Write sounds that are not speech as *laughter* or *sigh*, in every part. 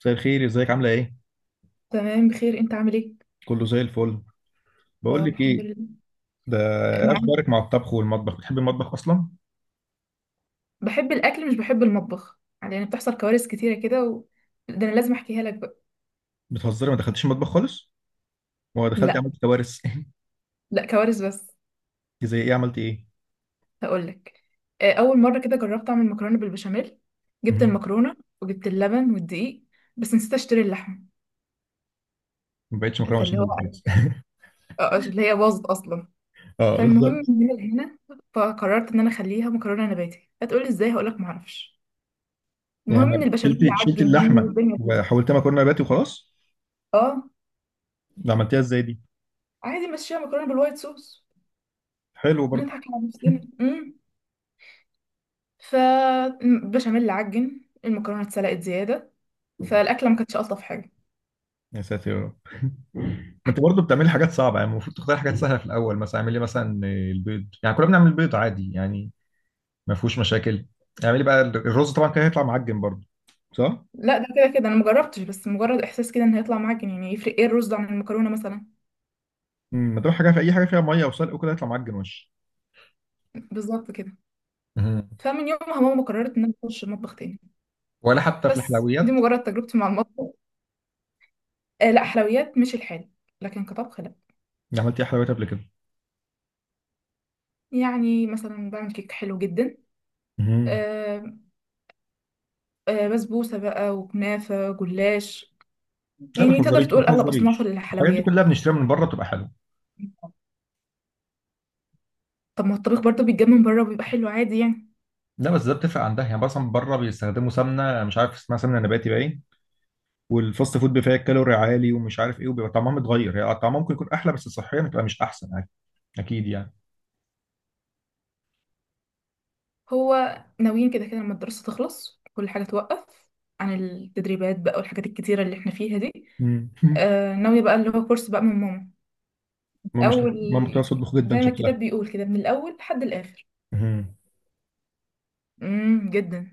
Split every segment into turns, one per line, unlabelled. مساء الخير، ازيك؟ عامله ايه؟
تمام، بخير. انت عامل ايه؟
كله زي الفل. بقول
طب
لك
الحمد
ايه؟
لله،
ده ايه
معاك.
اخبارك مع الطبخ والمطبخ؟ بتحبي المطبخ اصلا؟
بحب الاكل مش بحب المطبخ، يعني بتحصل كوارث كتيره كده ده انا لازم احكيها لك بقى.
بتهزري، ما دخلتيش المطبخ خالص ولا دخلت
لا،
عملت كوارث؟ *laughs*
لا كوارث بس.
إنت زي ايه؟ عملت ايه؟
هقول لك. اول مره كده جربت اعمل مكرونه بالبشاميل.
*laughs*
جبت
مهم.
المكرونه وجبت اللبن والدقيق، بس نسيت اشتري اللحم.
ما بقتش مكرونه
فاللي
بشاميل
هو
خلاص.
اللي هي باظت اصلا.
*laughs* اه
فالمهم
بالظبط.
من هنا، فقررت ان انا اخليها مكرونه نباتي. هتقولي ازاي؟ هقول لك معرفش.
يعني
المهم ان البشاميل
شلتي
عجن مني
اللحمه
والدنيا باظت.
وحولتها مكرونه نباتي وخلاص؟
اه،
ده عملتيها ازاي دي؟
عادي ماشيه مكرونه بالوايت صوص.
حلو برضه.
بنضحك على نفسنا. فالبشاميل عجن، المكرونه اتسلقت زياده، فالاكله ما كانتش الطف حاجه.
يا ساتر يا رب. *laughs* ما انت برضه بتعملي حاجات صعبه، يعني المفروض تختاري حاجات سهله في الاول. مثلا اعملي مثلا البيض، يعني كلنا بنعمل بيض عادي يعني، ما فيهوش مشاكل. اعملي بقى الرز طبعا كان هيطلع معجن برضه، صح؟
لا ده كده كده انا مجربتش، بس مجرد احساس كده ان هيطلع معجن. يعني يفرق ايه الرز عن المكرونه مثلا؟
ما دام حاجه في اي حاجه فيها ميه وسلق وكده يطلع معجن وش.
بالظبط كده.
مهم.
فمن يومها ماما قررت ان انا اخش المطبخ تاني.
ولا حتى في
بس دي
الحلويات؟
مجرد تجربتي مع المطبخ. آه، لا حلويات مش الحال، لكن كطبخ لا.
أنا عملت ايه حلويات قبل كده؟
يعني مثلا بعمل كيك حلو جدا.
مهم.
آه. بسبوسه بقى وكنافه جلاش.
لا ما
يعني تقدر
تهزريش، ما
تقول اغلب اصناف
تهزريش، الحاجات دي
الحلويات.
كلها بنشتريها من بره بتبقى حلوه.
طب ما الطبيخ برضه بيتجاب من بره وبيبقى حلو عادي يعني.
لا بس ده بتفرق عندها، يعني مثلا بره بيستخدموا سمنه، مش عارف اسمها سمنه نباتي باين. والفاست فود بيبقى فيها كالوري عالي ومش عارف ايه، وبيبقى طعمها متغير هي، يعني طعمها ممكن يكون احلى بس صحيا بتبقى مش احسن عادي. اكيد يعني.
هو ناويين كده كده لما الدراسة تخلص كل حاجة توقف، عن التدريبات بقى والحاجات الكتيرة اللي احنا فيها دي.
مم. *laughs*
ناوية بقى اللي هو كورس بقى من ماما. أول
ماما بتعرف تطبخ جدا
زي ما
شكلها.
الكتاب بيقول كده من الأول لحد الآخر.
مهم.
جدا.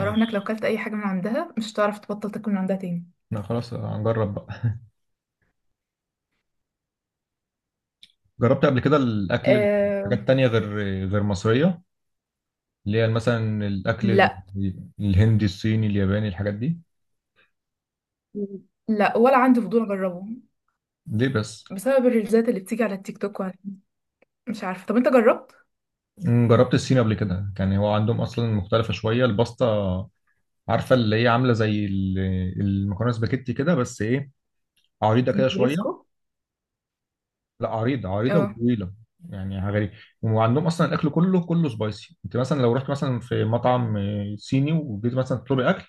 أراهنك لو كلت أي حاجة من عندها مش هتعرف تبطل تاكل من عندها تاني.
لا خلاص هنجرب بقى. جربت قبل كده الاكل،
آه،
حاجات تانية غير، غير مصرية، اللي هي مثلا الاكل
لا،
الهندي الصيني الياباني الحاجات دي؟
لا ولا عندي فضول أجربه.
ليه بس؟
بسبب الريلزات اللي بتيجي على التيك توك وعلى مش عارفة. طب أنت جربت؟
جربت الصين قبل كده، كان هو عندهم اصلا مختلفة شوية الباستا، عارفة اللي هي عاملة زي المكرونة سباكيتي كده بس ايه، عريضة كده شوية.
نجرسكو.
لا عريضة عريضة
اه.
وطويلة. يعني حاجة غريبة. وعندهم اصلا الاكل كله سبايسي. انت مثلا لو رحت مثلا في مطعم صيني وجيت مثلا تطلبي اكل،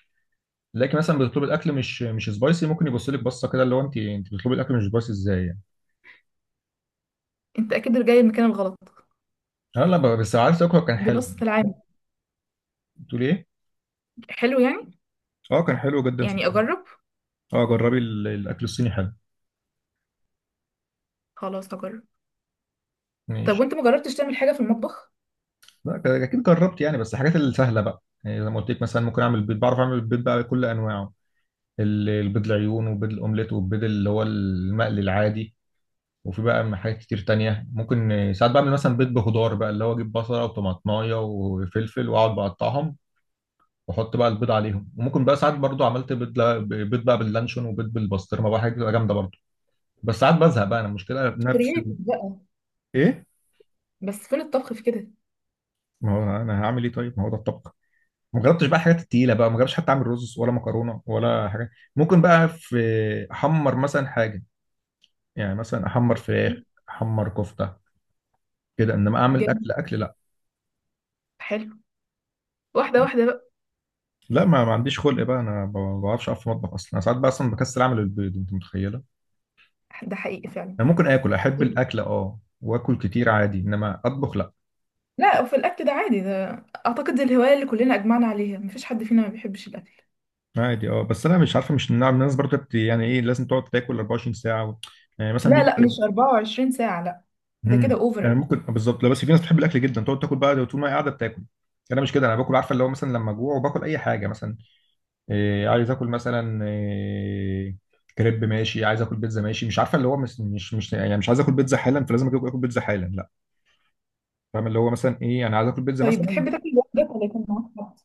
تلاقي مثلا بتطلب الاكل مش سبايسي، ممكن يبص لك بصه كده اللي هو انت، بتطلبي الاكل مش سبايسي ازاي يعني؟
أنت أكيد جاي المكان الغلط.
اه لا بس عارف تاكله كان
دي
حلو.
بص في العام.
بتقول ايه؟
حلو يعني.
اه كان حلو جدا
يعني
صدقني.
اجرب.
اه جربي الاكل الصيني حلو.
خلاص هجرب. طب
ماشي.
وانت ما جربتش تعمل حاجه في المطبخ؟
لا اكيد جربت يعني، بس الحاجات السهله بقى، يعني زي ما قلت لك، مثلا ممكن اعمل بيض، بعرف اعمل البيض بقى بكل انواعه. البيض العيون وبيض الاومليت والبيض اللي هو المقلي العادي. وفي بقى حاجات كتير تانية ممكن، ساعات بعمل مثلا بيض بخضار بقى، اللي هو اجيب بصلة وطماطماية وفلفل واقعد بقطعهم واحط بقى البيض عليهم. وممكن بقى ساعات برضو عملت بيض بيض بقى باللانشون، وبيض بالبسطرمه بقى، حاجه بتبقى جامده برضو. بس ساعات بزهق بقى انا، المشكله نفس
كرييتيف
ال...
بقى.
ايه؟
بس فين الطبخ في كده؟
ما هو انا هعمل ايه طيب؟ ما هو ده الطبخ. ما جربتش بقى الحاجات التقيله بقى، ما جربتش حتى اعمل رز ولا مكرونه ولا حاجه. ممكن بقى في احمر مثلا حاجه، يعني مثلا احمر فراخ، احمر كفته كده. انما اعمل
جامد.
اكل اكل، لا.
حلو. واحده واحده بقى.
لا ما عنديش خلق بقى انا، ما بعرفش اقف في المطبخ اصلا. انا ساعات بقى اصلا بكسل اعمل البيض، انت متخيله؟
ده حقيقي فعلا.
انا ممكن اكل، احب الاكل اه واكل كتير عادي، انما اطبخ لا.
لا، وفي الاكل ده عادي ده. اعتقد دي الهوايه اللي كلنا اجمعنا عليها، مفيش حد فينا ما بيحبش الاكل.
عادي اه، بس انا مش عارفه، مش نعم الناس برضه يعني ايه لازم تقعد تاكل 24 ساعه و... يعني مثلا
لا،
بيجي.
لا، مش 24 ساعه، لا. ده كده
يعني
اوفر.
ممكن بالظبط. لا بس في ناس بتحب الاكل جدا، تقعد تاكل بقى طول ما هي قاعده بتاكل. انا مش كده، انا باكل عارفه اللي هو مثلا لما اجوع وباكل اي حاجه، مثلا إيه عايز اكل مثلا؟ إيه كريب؟ ماشي. عايز اكل بيتزا؟ ماشي. مش عارفه اللي هو مش يعني مش عايز اكل بيتزا حالا فلازم اكل آكل بيتزا حالا، لا. فاهم اللي هو مثلا ايه، انا عايز اكل بيتزا
طيب
مثلا.
بتحب تاكل لوحدك ولا يكون معاك حد؟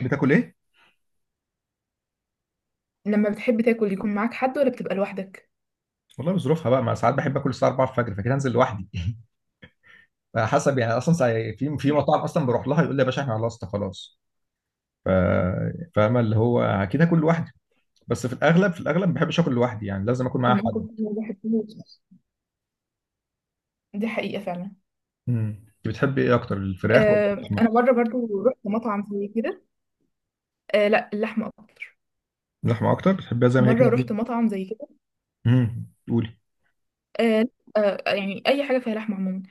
بتاكل ايه؟
لما بتحب تاكل يكون معاك حد ولا بتبقى لوحدك؟
والله بظروفها بقى، ما ساعات بحب اكل الساعه 4 الفجر، فكده انزل لوحدي. حسب يعني. في في مطاعم اصلا بروح لها يقول لي يا باشا احنا خلصنا خلاص. ف- فاهمه اللي هو اكيد هاكل لوحدي. بس في الاغلب، في الاغلب ما بحبش اكل لوحدي، يعني لازم اكل معايا
الموقف
حد.
ده الواحد فيه- دي حقيقه فعلا.
انت بتحبي ايه اكتر، الفراخ ولا
آه،
اللحمه؟
انا مره برضو رحت مطعم زي كده. لا اللحمه اكتر.
اللحمه اكتر؟ بتحبيها زي ما هي
مره
كده؟
رحت مطعم زي كده.
قولي.
آه، يعني اي حاجه فيها لحمه عموما.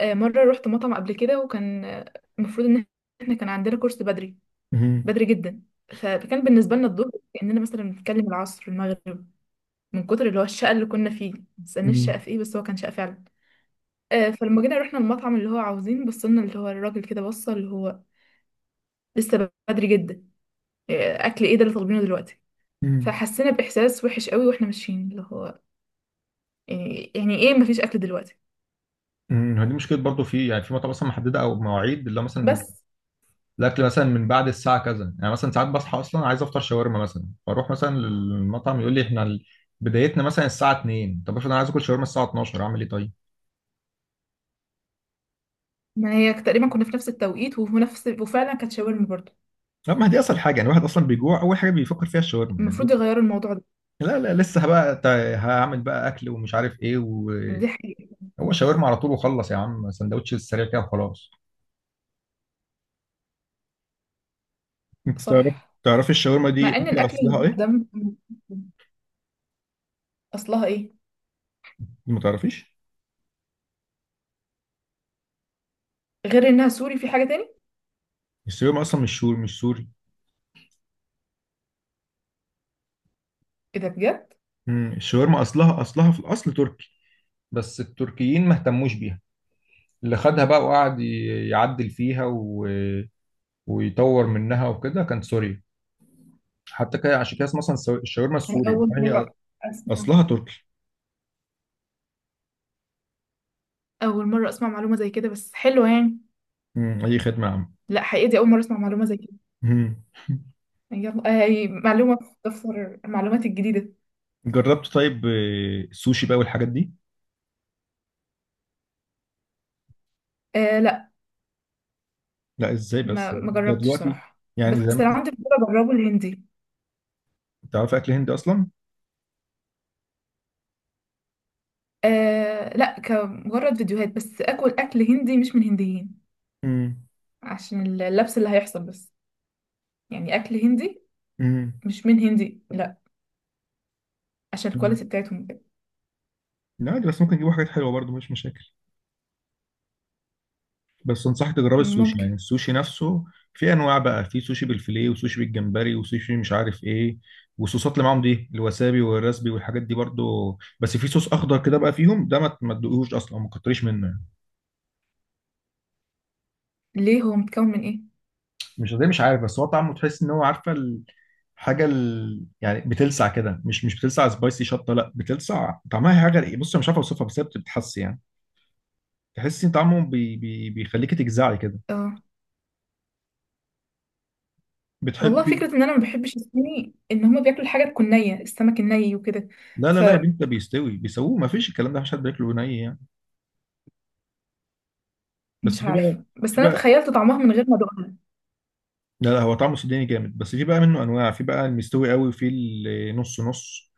مره رحت مطعم قبل كده وكان المفروض ان احنا كان عندنا كورس بدري،
امم.
بدري جدا. فكان بالنسبه لنا الظهر كاننا مثلا بنتكلم العصر المغرب، من كتر اللي هو الشقه اللي كنا فيه. ما تسالنيش شقه
امم.
في ايه، بس هو كان شقه فعلا. فلما جينا رحنا المطعم اللي هو عاوزين، بصلنا اللي هو الراجل كده بص اللي هو لسه بدري جدا. اكل ايه ده اللي طالبينه دلوقتي؟ فحسينا بإحساس وحش قوي واحنا ماشيين اللي هو. يعني ايه، مفيش أكل دلوقتي؟
دي مشكله برضو، في يعني في مطاعم مثلا محدده او مواعيد اللي هو مثلا
بس
الاكل مثلا من بعد الساعه كذا. يعني مثلا ساعات بصحى اصلا عايز افطر شاورما، مثلا فاروح مثلا للمطعم يقول لي احنا بدايتنا مثلا الساعه 2. طب افرض انا عايز اكل شاورما الساعه 12، اعمل ايه طيب؟
ما هي تقريبا كنا في نفس التوقيت، وفي نفس وفعلا كانت شاورما برضه.
لا ما هي دي اصل حاجه، يعني الواحد اصلا بيجوع اول حاجه بيفكر فيها الشاورما يعني دي.
المفروض يغيروا الموضوع ده.
لا لا لسه بقى، هعمل بقى اكل ومش عارف ايه،
دي
وهو
حقيقة.
شاورما على طول وخلص يا عم، سندوتش السريع كده وخلاص. انت تعرف،
صح.
تعرفي الشاورما دي
مع ان
اكل
الأكل اللي
اصلها
بره
ايه؟
ده م- أصلها ايه؟
ما تعرفيش؟
غير انها سوري في حاجة تاني.
الشاورما اصلا مش سوري، مش سوري.
ايه ده بجد؟
الشاورما اصلها في الاصل تركي، بس التركيين ما اهتموش بيها. اللي خدها بقى وقعد يعدل فيها و... ويطور منها وكده كان سوريا، حتى كده عشان كده اسمها اصلا الشاورما
أنا
السوري
أول مرة
هي.
أسمع
اصلها تركي.
أول مرة أسمع معلومة زي كده بس حلوة يعني.
اي خدمه يا عم.
لا، حقيقي دي أول مرة أسمع معلومة زي كده.
مم.
يلا، معلومة في دفتر المعلومات الجديدة.
جربت طيب السوشي بقى والحاجات دي؟
آه،
لا ازاي بس،
ما
ده
جربتش
دلوقتي
صراحة. بس
يعني زي ما
لو عندي فضول اجربه الهندي.
تعرف اكل هندي اصلا؟
آه لا، كمجرد فيديوهات بس. اكل هندي مش من هنديين.
امم.
عشان اللبس اللي هيحصل بس. يعني اكل هندي
امم.
مش من هندي لا. عشان الكواليتي بتاعتهم كده.
لا دي بس ممكن يجيبوا حاجات حلوه برضو، مش مشاكل. بس انصحك تجرب السوشي، يعني
ممكن.
السوشي نفسه. في انواع بقى، في سوشي بالفيليه وسوشي بالجمبري وسوشي مش عارف ايه. والصوصات اللي معاهم دي، الوسابي والرسبي والحاجات دي برضو، بس في صوص اخضر كده بقى فيهم ده ما تدوقهوش اصلا، ما تكتريش منه يعني.
ليه، هو متكون من ايه؟
مش زي، مش عارف، بس هو طعمه تحس ان هو عارفه حاجه ال... يعني بتلسع كده، مش بتلسع سبايسي شطه لا، بتلسع طعمها حاجه. بص أنا مش عارف اوصفها، بس هي بتتحس يعني. تحسي ان طعمه بيخليكي تجزعي كده.
اه، والله
بتحبي؟
فكرة ان انا ما بحبش الصيني ان هما بياكلوا الحاجة تكون نية، السمك الني وكده.
لا لا لا يا
فمش
بنت، ده بيستوي بيسووه، ما فيش الكلام ده، مفيش حد بياكله ني يعني. بس في
عارفة،
بقى، في
بس انا
بقى،
تخيلت طعمها من غير ما ادوقها.
لا لا هو طعمه سوداني جامد. بس في بقى منه انواع، في بقى المستوي قوي، وفي النص نص.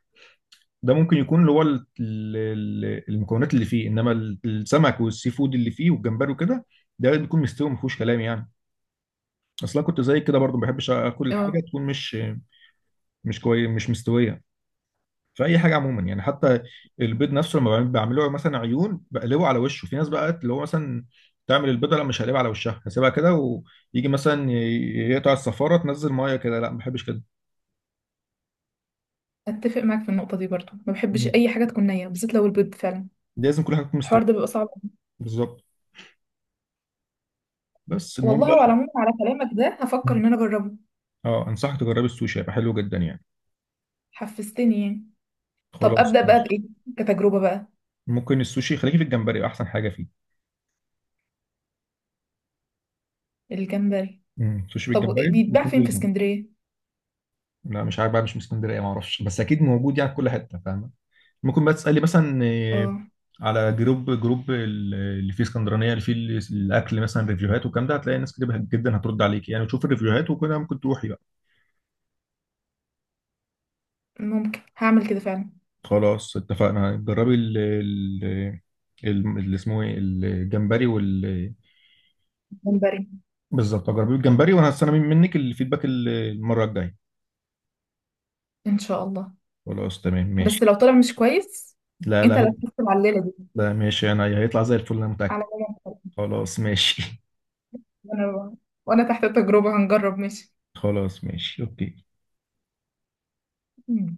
ده ممكن يكون اللي هو المكونات اللي فيه، انما السمك والسي فود اللي فيه والجمبري وكده، ده بيكون مستوي ما فيهوش كلام يعني. اصلا كنت زي كده برضو، ما بحبش اكل الحاجه
اه.
تكون مش كويس، مش مستويه، في اي حاجه عموما يعني. حتى البيض نفسه لما بعمله مثلا عيون بقلبه على وشه. في ناس بقى اللي هو مثلا تعمل البيضه لا مش هقلبها على وشها، هسيبها كده ويجي مثلا يقطع الصفاره تنزل ميه كده، لا ما بحبش كده.
اتفق معاك في النقطة دي برضو، ما بحبش
مم.
اي حاجة تكون نية بالذات لو البيض فعلا.
لازم كل حاجه تكون مستويه.
الحوار ده بيبقى صعب.
بالظبط. بس المهم
والله على
بقى.
العموم على كلامك ده هفكر
مم.
ان انا اجربه.
اه انصحك تجربي السوشي، هيبقى حلو جدا يعني.
حفزتني يعني. طب
خلاص
ابدا بقى
ماشي.
بايه؟ كتجربه بقى.
ممكن السوشي خليكي في الجمبري، احسن حاجه فيه.
الجمبري.
مم. سوشي
طب
بالجمبري
بيتباع
ويكون
فين في
جولدن.
اسكندريه؟
لا مش عارف بقى، مش من اسكندريه ما اعرفش، بس اكيد موجود يعني في كل حته فاهمه. ممكن بقى تسألي مثلا،
اه.
على جروب، اللي فيه اسكندرانية، اللي فيه الأكل مثلا، ريفيوهات والكلام ده، هتلاقي ناس كتير جدا هترد عليك يعني، وتشوف الريفيوهات وكده ممكن تروحي بقى.
ممكن هعمل كده فعلا.
خلاص اتفقنا. جربي اللي اسمه ايه، الجمبري وال،
جمبري.
بالظبط جربي الجمبري، وأنا هستنى منك الفيدباك المرة الجاية.
ان شاء الله.
خلاص تمام ماشي.
بس لو طلع مش كويس
لا
انت اللي
لا.
هتحس على الليله دي.
لا ماشي أنا هيطلع زي الفل أنا
على
متأكد.
ماما.
خلاص ماشي. *laughs*
وانا وانا تحت التجربه هنجرب ماشي.
خلاص ماشي أوكي.
ماشي.